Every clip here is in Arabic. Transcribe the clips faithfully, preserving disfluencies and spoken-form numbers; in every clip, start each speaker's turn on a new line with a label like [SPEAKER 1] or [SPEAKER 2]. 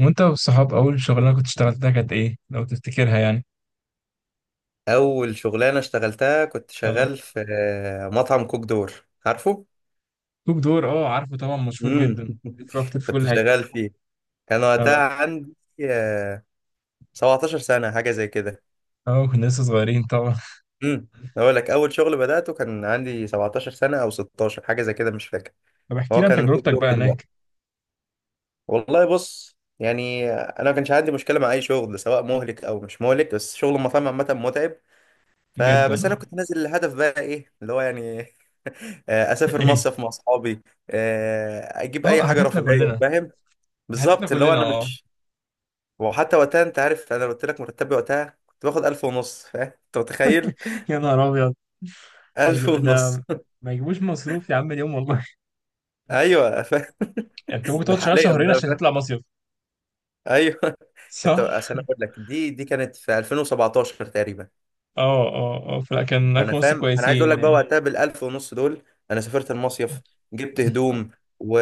[SPEAKER 1] وانت والصحاب اول شغلانه كنت اشتغلتها كانت ايه لو تفتكرها يعني؟
[SPEAKER 2] اول شغلانه اشتغلتها كنت
[SPEAKER 1] اه.
[SPEAKER 2] شغال في آه، مطعم كوك دور. عارفه؟
[SPEAKER 1] كوك دور، اه، عارفه طبعا، مشهور
[SPEAKER 2] امم.
[SPEAKER 1] جدا بيتواجد في
[SPEAKER 2] كنت
[SPEAKER 1] كل حته.
[SPEAKER 2] شغال فيه. كان وقتها
[SPEAKER 1] اه
[SPEAKER 2] عندي آه، سبعتاشر سنه، حاجه زي كده.
[SPEAKER 1] اه، كنا لسه صغيرين طبعا.
[SPEAKER 2] امم اقول لك، اول شغل بداته كان عندي سبعتاشر سنه او ستاشر، حاجه زي كده، مش فاكر.
[SPEAKER 1] طب احكي
[SPEAKER 2] هو
[SPEAKER 1] لي عن
[SPEAKER 2] كان كوك
[SPEAKER 1] تجربتك
[SPEAKER 2] دور
[SPEAKER 1] بقى
[SPEAKER 2] دلوقتي.
[SPEAKER 1] هناك.
[SPEAKER 2] والله بص، يعني انا ما كانش عندي مشكله مع اي شغل، سواء مهلك او مش مهلك، بس شغل المطاعم عامه متعب.
[SPEAKER 1] جدا
[SPEAKER 2] فبس انا
[SPEAKER 1] اه.
[SPEAKER 2] كنت نازل، الهدف بقى ايه اللي هو يعني. آه، اسافر
[SPEAKER 1] ايه.
[SPEAKER 2] مصيف مع اصحابي، آه، اجيب اي
[SPEAKER 1] اه.
[SPEAKER 2] حاجه
[SPEAKER 1] اهدافنا
[SPEAKER 2] رفاهيه،
[SPEAKER 1] كلنا.
[SPEAKER 2] فاهم؟
[SPEAKER 1] اهدافنا
[SPEAKER 2] بالظبط، اللي هو
[SPEAKER 1] كلنا،
[SPEAKER 2] انا
[SPEAKER 1] اه.
[SPEAKER 2] مش. وحتى وقتها، انت عارف انا قلت لك مرتبي وقتها كنت باخد الف ونص، فاهم؟ انت متخيل؟
[SPEAKER 1] يا نهار ابيض! ما
[SPEAKER 2] الف
[SPEAKER 1] يجيب-
[SPEAKER 2] ونص.
[SPEAKER 1] ده، ما يجيبوش مصروف يا عم اليوم والله.
[SPEAKER 2] ايوه فاهم.
[SPEAKER 1] انت ممكن
[SPEAKER 2] ده
[SPEAKER 1] تقعد شغال
[SPEAKER 2] حاليا
[SPEAKER 1] شهرين
[SPEAKER 2] بقى،
[SPEAKER 1] عشان
[SPEAKER 2] فاهم.
[SPEAKER 1] تطلع مصيف.
[SPEAKER 2] ايوه. انت
[SPEAKER 1] صح.
[SPEAKER 2] اصل انا اقول لك، دي دي كانت في الفين وسبعتاشر تقريبا.
[SPEAKER 1] اه اه اه، فلا كان ألف
[SPEAKER 2] فانا
[SPEAKER 1] ونص
[SPEAKER 2] فاهم، انا عايز اقول
[SPEAKER 1] كويسين
[SPEAKER 2] لك بقى
[SPEAKER 1] يعني.
[SPEAKER 2] وقتها بالالف ونص دول، انا سافرت المصيف، جبت هدوم، و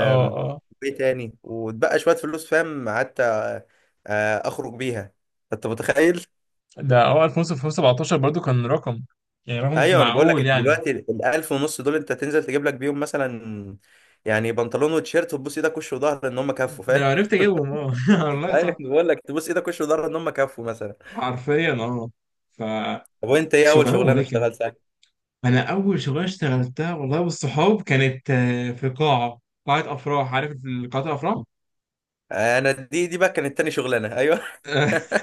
[SPEAKER 1] اه اه،
[SPEAKER 2] ايه تاني، واتبقى شويه فلوس، فاهم؟ قعدت آه، اخرج بيها، انت متخيل؟
[SPEAKER 1] ده اه ألف ونص في ألفين وسبعتاشر برضو كان رقم، يعني رقم
[SPEAKER 2] ايوه، انا بقول لك،
[SPEAKER 1] معقول
[SPEAKER 2] انت
[SPEAKER 1] يعني.
[SPEAKER 2] دلوقتي الالف ونص دول انت تنزل تجيب لك بيهم مثلا، يعني بنطلون وتيشيرت، وتبوس ايدك وش وظهر ان هم كفوا، فاهم؟
[SPEAKER 1] لو عرفت اجيبهم اه، والله
[SPEAKER 2] ايوه،
[SPEAKER 1] صح.
[SPEAKER 2] بقول لك تبوس ايدك وش وظهر ان هم كفوا مثلا.
[SPEAKER 1] حرفيا اه.
[SPEAKER 2] طب وانت، ايه اول
[SPEAKER 1] فشغلانه
[SPEAKER 2] شغلانه
[SPEAKER 1] مهلكه.
[SPEAKER 2] اشتغلتها؟
[SPEAKER 1] انا اول شغلانه اشتغلتها والله بالصحاب كانت آه، في قاعه، قاعه افراح عارف، قاعه الافراح.
[SPEAKER 2] انا دي دي بقى كانت تاني شغلانه، ايوه.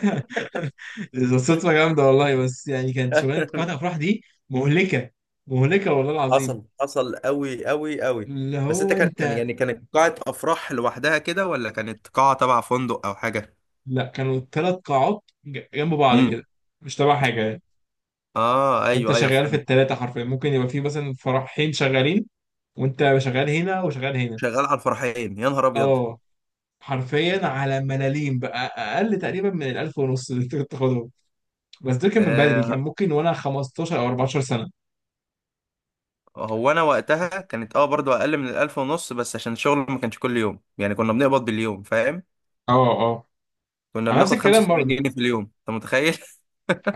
[SPEAKER 1] ده صدفه جامده والله، بس يعني كانت شغلانه قاعه الافراح دي مهلكه، مهلكه والله العظيم.
[SPEAKER 2] حصل، حصل قوي قوي قوي.
[SPEAKER 1] اللي
[SPEAKER 2] بس انت،
[SPEAKER 1] هو
[SPEAKER 2] كان كان
[SPEAKER 1] انت.
[SPEAKER 2] يعني، كانت قاعة افراح لوحدها كده، ولا كانت قاعة تبع فندق او حاجة؟
[SPEAKER 1] لا كانوا ثلاث قاعات ج- جنب بعض
[SPEAKER 2] امم.
[SPEAKER 1] كده، مش تبع حاجه يعني.
[SPEAKER 2] اه
[SPEAKER 1] فانت
[SPEAKER 2] ايوه ايوه
[SPEAKER 1] شغال في
[SPEAKER 2] فهمت.
[SPEAKER 1] الثلاثه حرفيا، ممكن يبقى في مثلا فرحين شغالين وانت شغال هنا وشغال هنا.
[SPEAKER 2] شغال على الفرحين؟ يا نهار ابيض.
[SPEAKER 1] اه، حرفيا على ملاليم بقى اقل تقريبا من الالف ونص اللي انت كنت تاخدهم، بس دول كان من بدري، كان
[SPEAKER 2] آه
[SPEAKER 1] ممكن وانا خمستاشر او أربعة عشر سنه.
[SPEAKER 2] هو انا وقتها كانت، اه، برضو اقل من الالف ونص، بس عشان الشغل ما كانش كل يوم، يعني كنا بنقبض باليوم، فاهم؟
[SPEAKER 1] اه اه،
[SPEAKER 2] كنا
[SPEAKER 1] على نفس
[SPEAKER 2] بناخد
[SPEAKER 1] الكلام
[SPEAKER 2] 75
[SPEAKER 1] برضه.
[SPEAKER 2] جنيه في اليوم، انت متخيل؟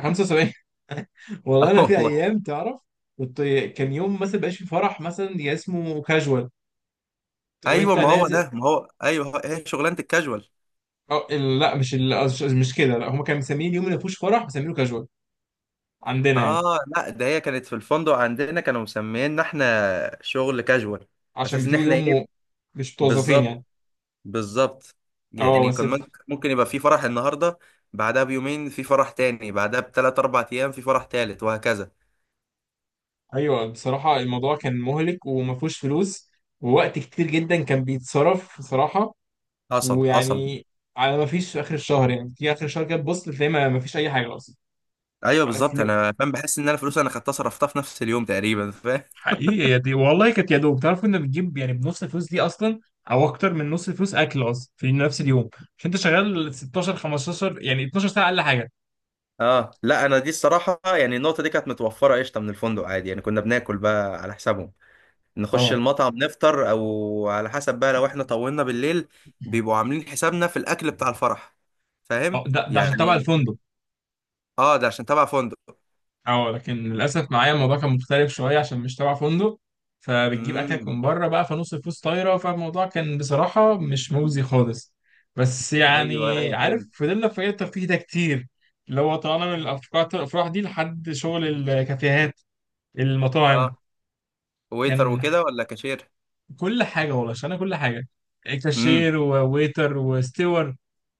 [SPEAKER 1] خمسه وسبعين. والله
[SPEAKER 2] اه
[SPEAKER 1] انا في
[SPEAKER 2] والله.
[SPEAKER 1] ايام تعرف كنت. كان يوم مثلا بقاش في فرح مثلا، يا اسمه كاجوال، تقوم
[SPEAKER 2] ايوه،
[SPEAKER 1] انت
[SPEAKER 2] ما هو
[SPEAKER 1] نازل.
[SPEAKER 2] ده ما هو ايوه، هو- هي شغلانة الكاجوال.
[SPEAKER 1] أو ال- لا، مش ال- آه، مش مش كده، لا هم كانوا مسميين يوم اللي ما فيهوش فرح مسمينه كاجوال عندنا
[SPEAKER 2] اه
[SPEAKER 1] يعني.
[SPEAKER 2] لا، ده هي كانت في الفندق عندنا، كانوا مسمينا احنا شغل كاجوال.
[SPEAKER 1] عشان
[SPEAKER 2] اساس ان
[SPEAKER 1] بتيجوا
[SPEAKER 2] احنا
[SPEAKER 1] يوم
[SPEAKER 2] ايه؟
[SPEAKER 1] مو- مش متوظفين
[SPEAKER 2] بالظبط،
[SPEAKER 1] يعني.
[SPEAKER 2] بالظبط.
[SPEAKER 1] اه
[SPEAKER 2] يعني
[SPEAKER 1] بس.
[SPEAKER 2] كان ممكن ممكن يبقى في فرح النهارده، بعدها بيومين في فرح تاني، بعدها بثلاث اربع ايام في فرح تالت وهكذا.
[SPEAKER 1] ايوه بصراحه الموضوع كان مهلك، وما فيهوش فلوس ووقت كتير جدا كان بيتصرف بصراحه.
[SPEAKER 2] حصل حصل.
[SPEAKER 1] ويعني على ما فيش في اخر الشهر، يعني في اخر الشهر كده تبص تلاقي ما ما فيش اي حاجه اصلا،
[SPEAKER 2] ايوه
[SPEAKER 1] ولا
[SPEAKER 2] بالظبط،
[SPEAKER 1] فلوس.
[SPEAKER 2] انا فاهم، بحس ان انا فلوس انا خدتها صرفتها في نفس اليوم تقريبا، فاهم؟
[SPEAKER 1] حقيقي، يا دي والله كانت يا دوب، تعرف كنا بنجيب يعني بنص الفلوس دي اصلا، او اكتر من نص الفلوس اكل اصلا في نفس اليوم، عشان انت شغال ستاشر خمستاشر يعني اتناشر ساعه اقل حاجه.
[SPEAKER 2] اه لا، انا دي الصراحه، يعني النقطه دي كانت متوفره قشطه من الفندق، عادي، يعني كنا بناكل بقى على حسابهم، نخش
[SPEAKER 1] اه.
[SPEAKER 2] المطعم نفطر، او على حسب بقى لو احنا طولنا بالليل، بيبقوا عاملين حسابنا في الاكل بتاع الفرح،
[SPEAKER 1] آه،
[SPEAKER 2] فاهم؟
[SPEAKER 1] ده ده عشان تبع
[SPEAKER 2] يعني
[SPEAKER 1] الفندق.
[SPEAKER 2] اه، ده عشان تبع فندق.
[SPEAKER 1] اه لكن للاسف معايا الموضوع كان مختلف شويه عشان مش تبع فندق، فبتجيب اكلك
[SPEAKER 2] امم.
[SPEAKER 1] من بره بقى، فنص الفلوس طايره، فالموضوع كان بصراحه مش مجزي خالص. بس
[SPEAKER 2] ايوه
[SPEAKER 1] يعني
[SPEAKER 2] ايوه
[SPEAKER 1] عارف
[SPEAKER 2] فهمت.
[SPEAKER 1] فضلنا في الترفيه ده كتير، اللي هو طلعنا من الافكار الافراح دي لحد شغل الكافيهات، المطاعم.
[SPEAKER 2] اه، ويتر
[SPEAKER 1] كان،
[SPEAKER 2] وكده ولا كاشير؟
[SPEAKER 1] كل حاجه والله اشتغلنا كل حاجه،
[SPEAKER 2] امم
[SPEAKER 1] كاشير وويتر وستيور.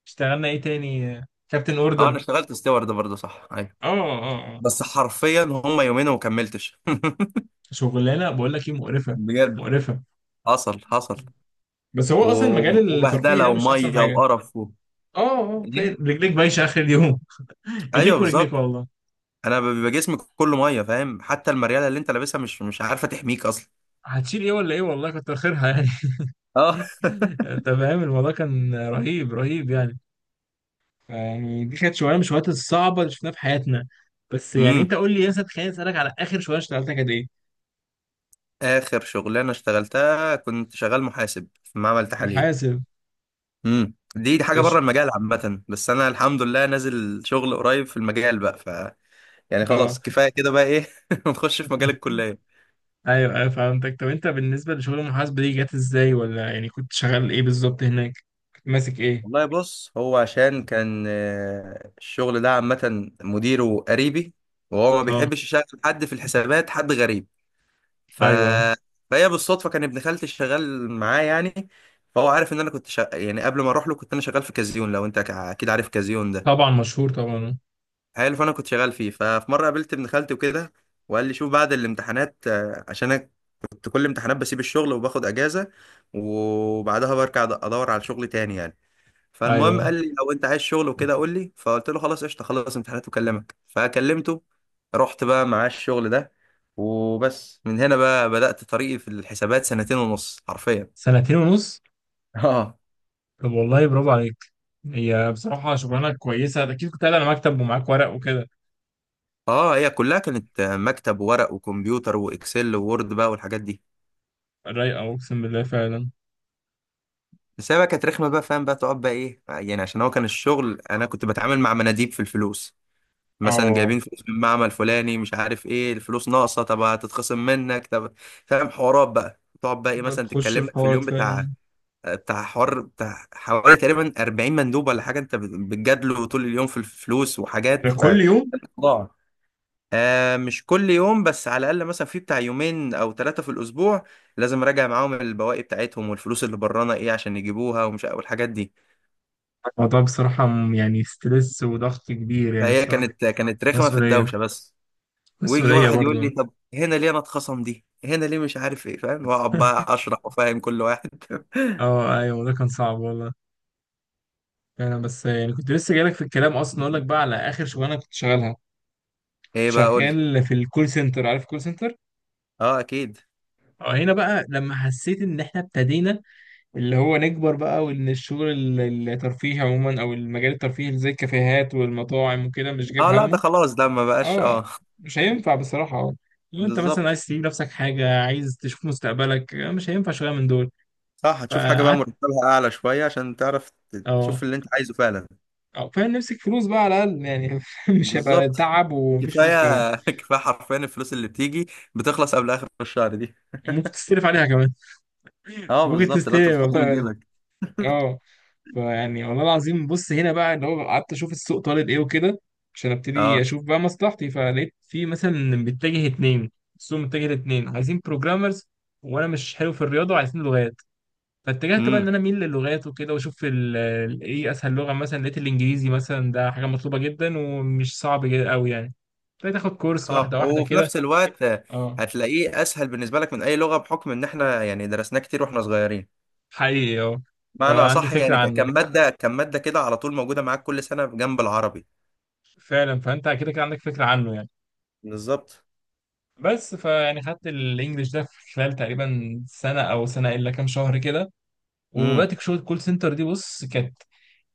[SPEAKER 1] اشتغلنا ايه تاني، كابتن
[SPEAKER 2] اه. انا
[SPEAKER 1] اوردر.
[SPEAKER 2] اشتغلت ستيوارد برضه، صح، ايوه.
[SPEAKER 1] اه اه اه.
[SPEAKER 2] بس حرفيا هم يومين وما كملتش.
[SPEAKER 1] شغلانه بقول لك ايه، مقرفه،
[SPEAKER 2] بجد،
[SPEAKER 1] مقرفه.
[SPEAKER 2] حصل حصل.
[SPEAKER 1] بس هو اصلا
[SPEAKER 2] و-
[SPEAKER 1] المجال الترفيهي
[SPEAKER 2] وبهدله
[SPEAKER 1] ده مش احسن
[SPEAKER 2] وميه
[SPEAKER 1] حاجه.
[SPEAKER 2] وقرف و...
[SPEAKER 1] اه اه، تلاقي
[SPEAKER 2] إيه؟
[SPEAKER 1] رجليك بايشه اخر اليوم.
[SPEAKER 2] ايوه
[SPEAKER 1] ايديك ورجليك
[SPEAKER 2] بالظبط.
[SPEAKER 1] والله.
[SPEAKER 2] انا بيبقى جسمي كله ميه، فاهم؟ حتى المرياله اللي انت لابسها، مش مش عارفه تحميك اصلا.
[SPEAKER 1] هتشيل ايه ولا ايه والله، كتر خيرها يعني.
[SPEAKER 2] اه.
[SPEAKER 1] انت فاهم الموضوع كان رهيب، رهيب يعني، يعني دي كانت شغلانه من الشغلات الصعبه اللي شفناها في حياتنا. بس يعني
[SPEAKER 2] امم.
[SPEAKER 1] انت قول لي يا سيد، خليني اسالك على اخر شغلانه اشتغلتها كانت ايه؟
[SPEAKER 2] اخر شغلانه اشتغلتها، كنت شغال محاسب في معمل تحاليل.
[SPEAKER 1] محاسب.
[SPEAKER 2] امم، دي دي
[SPEAKER 1] ده
[SPEAKER 2] حاجه
[SPEAKER 1] ش-
[SPEAKER 2] بره المجال عامه، بس انا الحمد لله نازل شغل قريب في المجال بقى، ف يعني
[SPEAKER 1] اه.
[SPEAKER 2] خلاص كفايه كده بقى، ايه. نخش في مجال الكليه.
[SPEAKER 1] ايوه ايوه فهمتك، طب انت بالنسبه لشغل المحاسبه دي جت ازاي، ولا يعني كنت شغال ايه بالظبط هناك؟ كنت ماسك ايه؟
[SPEAKER 2] والله بص، هو عشان كان آه، الشغل ده عامه مديره قريبي، وهو ما
[SPEAKER 1] اه
[SPEAKER 2] بيحبش يشغل حد في الحسابات حد غريب، ف...
[SPEAKER 1] ايوه.
[SPEAKER 2] فهي بالصدفه كان ابن خالتي شغال معاه يعني. فهو عارف ان انا كنت شغ... يعني قبل ما اروح له كنت انا شغال في كازيون، لو انت اكيد عارف كازيون ده.
[SPEAKER 1] طبعا مشهور طبعا.
[SPEAKER 2] حلو. فانا كنت شغال فيه. ففي مره قابلت ابن خالتي وكده، وقال لي شوف بعد الامتحانات، آه، عشان انا كنت كل امتحانات بسيب الشغل وباخد اجازه، وبعدها برجع ادور على شغل تاني يعني. فالمهم
[SPEAKER 1] ايوه.
[SPEAKER 2] قال لي لو انت عايز شغل وكده قول لي، فقلت له خلاص قشطه، خلص امتحانات وكلمك. فكلمته، رحت بقى معاه الشغل ده، وبس من هنا بقى بدأت طريقي في الحسابات، سنتين ونص حرفيا.
[SPEAKER 1] سنتين ونص.
[SPEAKER 2] اه.
[SPEAKER 1] طب والله برافو عليك، هي بصراحة شغلانة كويسة أكيد كنت قاعد على مكتب ومعاك ورق وكده.
[SPEAKER 2] اه، هي كلها كانت مكتب وورق وكمبيوتر واكسل ووورد بقى والحاجات دي.
[SPEAKER 1] رايقة أقسم بالله فعلا.
[SPEAKER 2] بس هي بقى كانت رخمه بقى، فاهم بقى تقعد بقى ايه، يعني عشان هو كان الشغل انا كنت بتعامل مع مناديب في الفلوس، مثلا
[SPEAKER 1] اه.
[SPEAKER 2] جايبين فلوس من معمل فلاني مش عارف ايه، الفلوس ناقصه، طب هتتخصم منك، طب، فاهم؟ حوارات بقى تقعد بقى ايه،
[SPEAKER 1] ده
[SPEAKER 2] مثلا
[SPEAKER 1] تخش
[SPEAKER 2] تتكلم
[SPEAKER 1] في
[SPEAKER 2] لك في
[SPEAKER 1] حوارات
[SPEAKER 2] اليوم
[SPEAKER 1] فعلا.
[SPEAKER 2] بتاع بتاع حوار بتاع حوالي تقريبا اربعين مندوب ولا حاجه، انت بتجادله طول اليوم في الفلوس
[SPEAKER 1] ده
[SPEAKER 2] وحاجات، ف
[SPEAKER 1] كل يوم.
[SPEAKER 2] ضاع. آه مش كل يوم، بس على الاقل مثلا في بتاع يومين او ثلاثه في الاسبوع لازم اراجع معاهم البواقي بتاعتهم والفلوس اللي برانا ايه عشان يجيبوها ومش، والحاجات دي.
[SPEAKER 1] الموضوع بصراحة م- يعني ستريس وضغط كبير يعني
[SPEAKER 2] فهي
[SPEAKER 1] بصراحة.
[SPEAKER 2] كانت كانت رخمه في
[SPEAKER 1] مسؤولية،
[SPEAKER 2] الدوشه بس. ويجي
[SPEAKER 1] مسؤولية
[SPEAKER 2] واحد
[SPEAKER 1] برضو.
[SPEAKER 2] يقول لي، طب هنا ليه انا اتخصم دي، هنا ليه، مش عارف ايه، فاهم؟ واقعد بقى اشرح وافهم كل واحد.
[SPEAKER 1] اه ايوه ده كان صعب والله فعلا، بس يعني كنت لسه جايلك في الكلام اصلا اقول لك بقى على اخر شغلانه كنت شغالها،
[SPEAKER 2] ايه بقى، قول لي.
[SPEAKER 1] شغال في الكول سنتر، عارف الكول سنتر؟
[SPEAKER 2] اه اكيد.
[SPEAKER 1] اه، هنا بقى لما حسيت ان احنا ابتدينا، اللي هو نكبر بقى، وان الشغل ال- الترفيهي عموما او المجال الترفيهي اللي زي الكافيهات والمطاعم وكده مش جايب
[SPEAKER 2] اه لا، ده
[SPEAKER 1] همه.
[SPEAKER 2] خلاص، ده ما بقاش، اه.
[SPEAKER 1] اه، مش هينفع بصراحة، اه لو انت مثلا
[SPEAKER 2] بالظبط.
[SPEAKER 1] عايز تجيب نفسك حاجة عايز تشوف مستقبلك آه، مش هينفع شوية من دول.
[SPEAKER 2] صح، هتشوف حاجه بقى
[SPEAKER 1] فقعدت،
[SPEAKER 2] مرتبها اعلى شويه عشان تعرف ت- تشوف
[SPEAKER 1] اه،
[SPEAKER 2] اللي انت عايزه فعلا.
[SPEAKER 1] اه فاهم نمسك فلوس بقى على الأقل يعني، مش هيبقى
[SPEAKER 2] بالظبط.
[SPEAKER 1] تعب ومفيش فلوس كمان.
[SPEAKER 2] كفايه. كفايه حرفيا، الفلوس اللي بتيجي بتخلص قبل اخر الشهر دي.
[SPEAKER 1] ممكن تستلف عليها كمان.
[SPEAKER 2] اه
[SPEAKER 1] ممكن
[SPEAKER 2] بالظبط، لا انت
[SPEAKER 1] تستلف
[SPEAKER 2] بتحط من
[SPEAKER 1] والله.
[SPEAKER 2] جيبك.
[SPEAKER 1] اه. فيعني والله العظيم، بص هنا بقى اللي هو قعدت اشوف السوق طالب ايه وكده عشان
[SPEAKER 2] اه.
[SPEAKER 1] ابتدي اشوف بقى مصلحتي، فلقيت في مثلا إن متجه اتنين، السوق متجه لاتنين عايزين بروجرامرز، وانا مش حلو في الرياضه وعايزين لغات. فاتجهت بقى
[SPEAKER 2] امم
[SPEAKER 1] ان انا اميل للغات وكده، واشوف ال- ال- ايه اسهل لغه، مثلا لقيت الانجليزي مثلا ده حاجه مطلوبه جدا ومش صعب جدا قوي يعني. ابتديت اخد كورس، واحده
[SPEAKER 2] اه.
[SPEAKER 1] واحده
[SPEAKER 2] وفي
[SPEAKER 1] كده.
[SPEAKER 2] نفس الوقت
[SPEAKER 1] اه
[SPEAKER 2] هتلاقيه اسهل بالنسبه لك من اي لغه، بحكم ان احنا يعني درسناه كتير واحنا صغيرين.
[SPEAKER 1] حقيقي اه.
[SPEAKER 2] معنى
[SPEAKER 1] فعندي
[SPEAKER 2] صح،
[SPEAKER 1] فكره
[SPEAKER 2] يعني ك-
[SPEAKER 1] عنه،
[SPEAKER 2] كان مادة كان مادة كده على طول موجودة معاك كل سنة جنب العربي.
[SPEAKER 1] فعلا، فانت كده كده عندك فكره عنه يعني.
[SPEAKER 2] بالظبط.
[SPEAKER 1] بس فيعني خدت الانجليش ده في خلال تقريبا سنه او سنه الا كام شهر كده،
[SPEAKER 2] امم
[SPEAKER 1] وبدات شغل الكول سنتر دي، بص كانت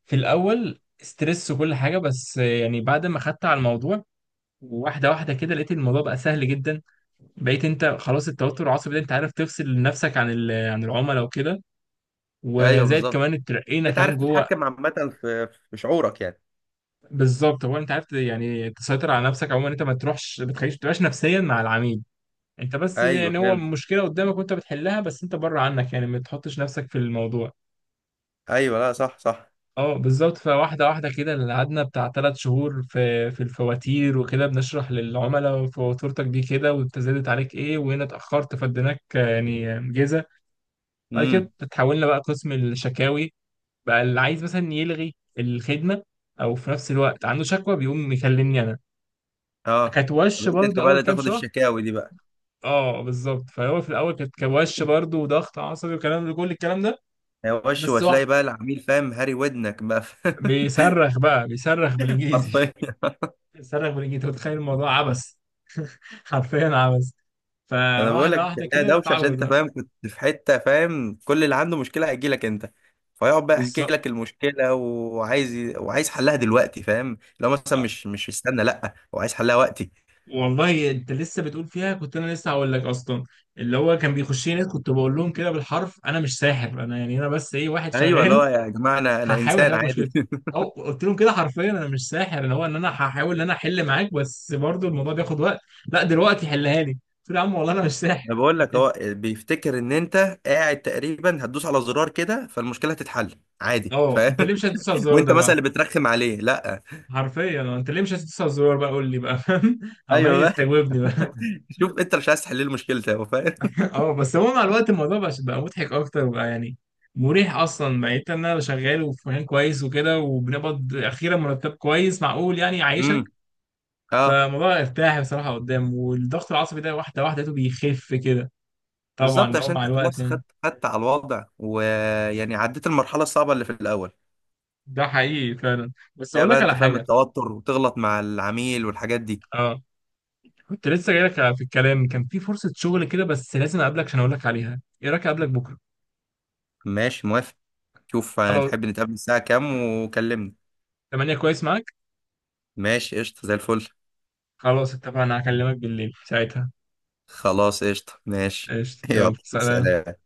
[SPEAKER 1] في الاول ستريس وكل حاجه، بس يعني بعد ما خدت على الموضوع واحده واحده كده لقيت الموضوع بقى سهل جدا. بقيت انت خلاص التوتر العصبي ده انت عارف تفصل نفسك عن ال- آه، عن العملاء وكده،
[SPEAKER 2] ايوه
[SPEAKER 1] وزائد
[SPEAKER 2] بالظبط.
[SPEAKER 1] كمان اترقينا
[SPEAKER 2] انت عارف
[SPEAKER 1] كمان جوه.
[SPEAKER 2] تتحكم عامة في في شعورك يعني.
[SPEAKER 1] بالظبط هو انت عارف يعني تسيطر على نفسك عموما، انت ما تروحش ما تخليش ما تبقاش نفسيا مع العميل، انت بس
[SPEAKER 2] ايوه
[SPEAKER 1] يعني هو
[SPEAKER 2] فهمت.
[SPEAKER 1] مشكله قدامك وانت بتحلها، بس انت بره عنك يعني ما تحطش نفسك في الموضوع.
[SPEAKER 2] ايوه لا، صح صح.
[SPEAKER 1] اه بالظبط، فواحده واحده كده، اللي قعدنا بتاع ثلاث شهور في في الفواتير وكده بنشرح للعملاء فواتورتك دي كده وانت زادت عليك ايه، وهنا اتاخرت فاديناك يعني جيزه. بعد كده
[SPEAKER 2] امم
[SPEAKER 1] اتحولنا بقى قسم الشكاوي، بقى اللي عايز مثلا يلغي الخدمه او في نفس الوقت عنده شكوى بيقوم يكلمني انا.
[SPEAKER 2] اه.
[SPEAKER 1] كانت
[SPEAKER 2] طب
[SPEAKER 1] وش
[SPEAKER 2] انت، أنت
[SPEAKER 1] برضو
[SPEAKER 2] بقى
[SPEAKER 1] اول
[SPEAKER 2] اللي
[SPEAKER 1] كام
[SPEAKER 2] تاخد
[SPEAKER 1] شهر.
[SPEAKER 2] الشكاوي دي بقى؟
[SPEAKER 1] اه بالظبط، فهو في الاول كانت كان وش برضه وضغط عصبي وكلام كل الكلام ده.
[SPEAKER 2] يا وش،
[SPEAKER 1] بس واحد،
[SPEAKER 2] وتلاقي بقى العميل، فاهم، هاري ودنك بقى.
[SPEAKER 1] بيصرخ بقى، بيصرخ بالانجليزي.
[SPEAKER 2] حرفيا.
[SPEAKER 1] بيصرخ بالانجليزي، أنت متخيل الموضوع عبث، حرفيا عبث.
[SPEAKER 2] انا بقول لك،
[SPEAKER 1] فواحده
[SPEAKER 2] انت
[SPEAKER 1] واحده
[SPEAKER 2] هتلاقيها
[SPEAKER 1] كده
[SPEAKER 2] دوشه عشان
[SPEAKER 1] تتعود
[SPEAKER 2] انت
[SPEAKER 1] بقى.
[SPEAKER 2] فاهم كنت في حته، فاهم، كل اللي عنده مشكله هيجي لك انت، فيقعد بقى يحكي
[SPEAKER 1] بالظبط.
[SPEAKER 2] لك المشكله، وعايز ي- وعايز حلها دلوقتي، فاهم؟ لو مثلا
[SPEAKER 1] آه.
[SPEAKER 2] مش مش استنى، لا، هو عايز حلها وقتي.
[SPEAKER 1] والله انت لسه بتقول فيها كنت انا لسه هقول لك اصلا، اللي هو كان بيخش لي ناس، كنت بقول لهم كده بالحرف انا مش ساحر، انا يعني انا بس ايه، واحد
[SPEAKER 2] ايوه
[SPEAKER 1] شغال،
[SPEAKER 2] لا يا جماعه، انا انا
[SPEAKER 1] هحاول احل
[SPEAKER 2] انسان
[SPEAKER 1] لك
[SPEAKER 2] عادي.
[SPEAKER 1] مشكلتي. او قلت لهم كده حرفيا انا مش ساحر، اللي هو ان انا هحاول ان انا احل معاك، بس برضو الموضوع بياخد وقت، لا دلوقتي حلها لي، قلت له يا عم والله انا مش ساحر.
[SPEAKER 2] انا بقول لك، هو بيفتكر ان انت قاعد تقريبا هتدوس على زرار كده، فالمشكله هتتحل عادي،
[SPEAKER 1] اه،
[SPEAKER 2] فاهم؟
[SPEAKER 1] انت ليه مش هتدوس على الزرار ده
[SPEAKER 2] وانت
[SPEAKER 1] بقى.
[SPEAKER 2] مثلا اللي بترخم عليه، لا.
[SPEAKER 1] حرفيا اه، انت ليه مش هتدوس على الزرار بقى، قول لي بقى فاهم، عمال
[SPEAKER 2] ايوه بقى.
[SPEAKER 1] يستجوبني بقى.
[SPEAKER 2] شوف انت مش عايز تحل لي مشكلتي هو، فاهم؟
[SPEAKER 1] اه بس هو مع الوقت الموضوع بقى بقى مضحك اكتر بقى يعني، مريح اصلا بقيت ان انا شغال وفي مكان كويس وكده وبنقبض اخيرا مرتب كويس معقول يعني يعيشك.
[SPEAKER 2] امم اه،
[SPEAKER 1] فالموضوع ارتاح بصراحه قدام، والضغط العصبي ده واحده واحده لقيته بيخف كده، طبعا
[SPEAKER 2] بالظبط،
[SPEAKER 1] لو
[SPEAKER 2] عشان
[SPEAKER 1] مع
[SPEAKER 2] انت
[SPEAKER 1] الوقت
[SPEAKER 2] خلاص
[SPEAKER 1] يعني.
[SPEAKER 2] خدت خدت على الوضع، ويعني عديت المرحله الصعبه اللي في الاول.
[SPEAKER 1] ده حقيقي فعلا، بس
[SPEAKER 2] لا
[SPEAKER 1] اقول
[SPEAKER 2] بقى،
[SPEAKER 1] لك
[SPEAKER 2] انت
[SPEAKER 1] على
[SPEAKER 2] فاهم
[SPEAKER 1] حاجه،
[SPEAKER 2] التوتر وتغلط مع العميل والحاجات دي.
[SPEAKER 1] أه، كنت لسه جاي لك في الكلام، كان في فرصة شغل كده بس لازم أقابلك عشان أقول لك عليها، إيه رأيك أقابلك بكرة؟
[SPEAKER 2] ماشي موافق. شوف
[SPEAKER 1] خلاص،
[SPEAKER 2] هنحب نتقابل الساعه كام؟ وكلمني.
[SPEAKER 1] الثامنه كويس معاك.
[SPEAKER 2] ماشي قشطه، زي الفل.
[SPEAKER 1] خلاص اتفقنا، هكلمك بالليل ساعتها.
[SPEAKER 2] خلاص قشطه، ماشي.
[SPEAKER 1] قشطة، يلا
[SPEAKER 2] يلا
[SPEAKER 1] سلام.
[SPEAKER 2] سلام.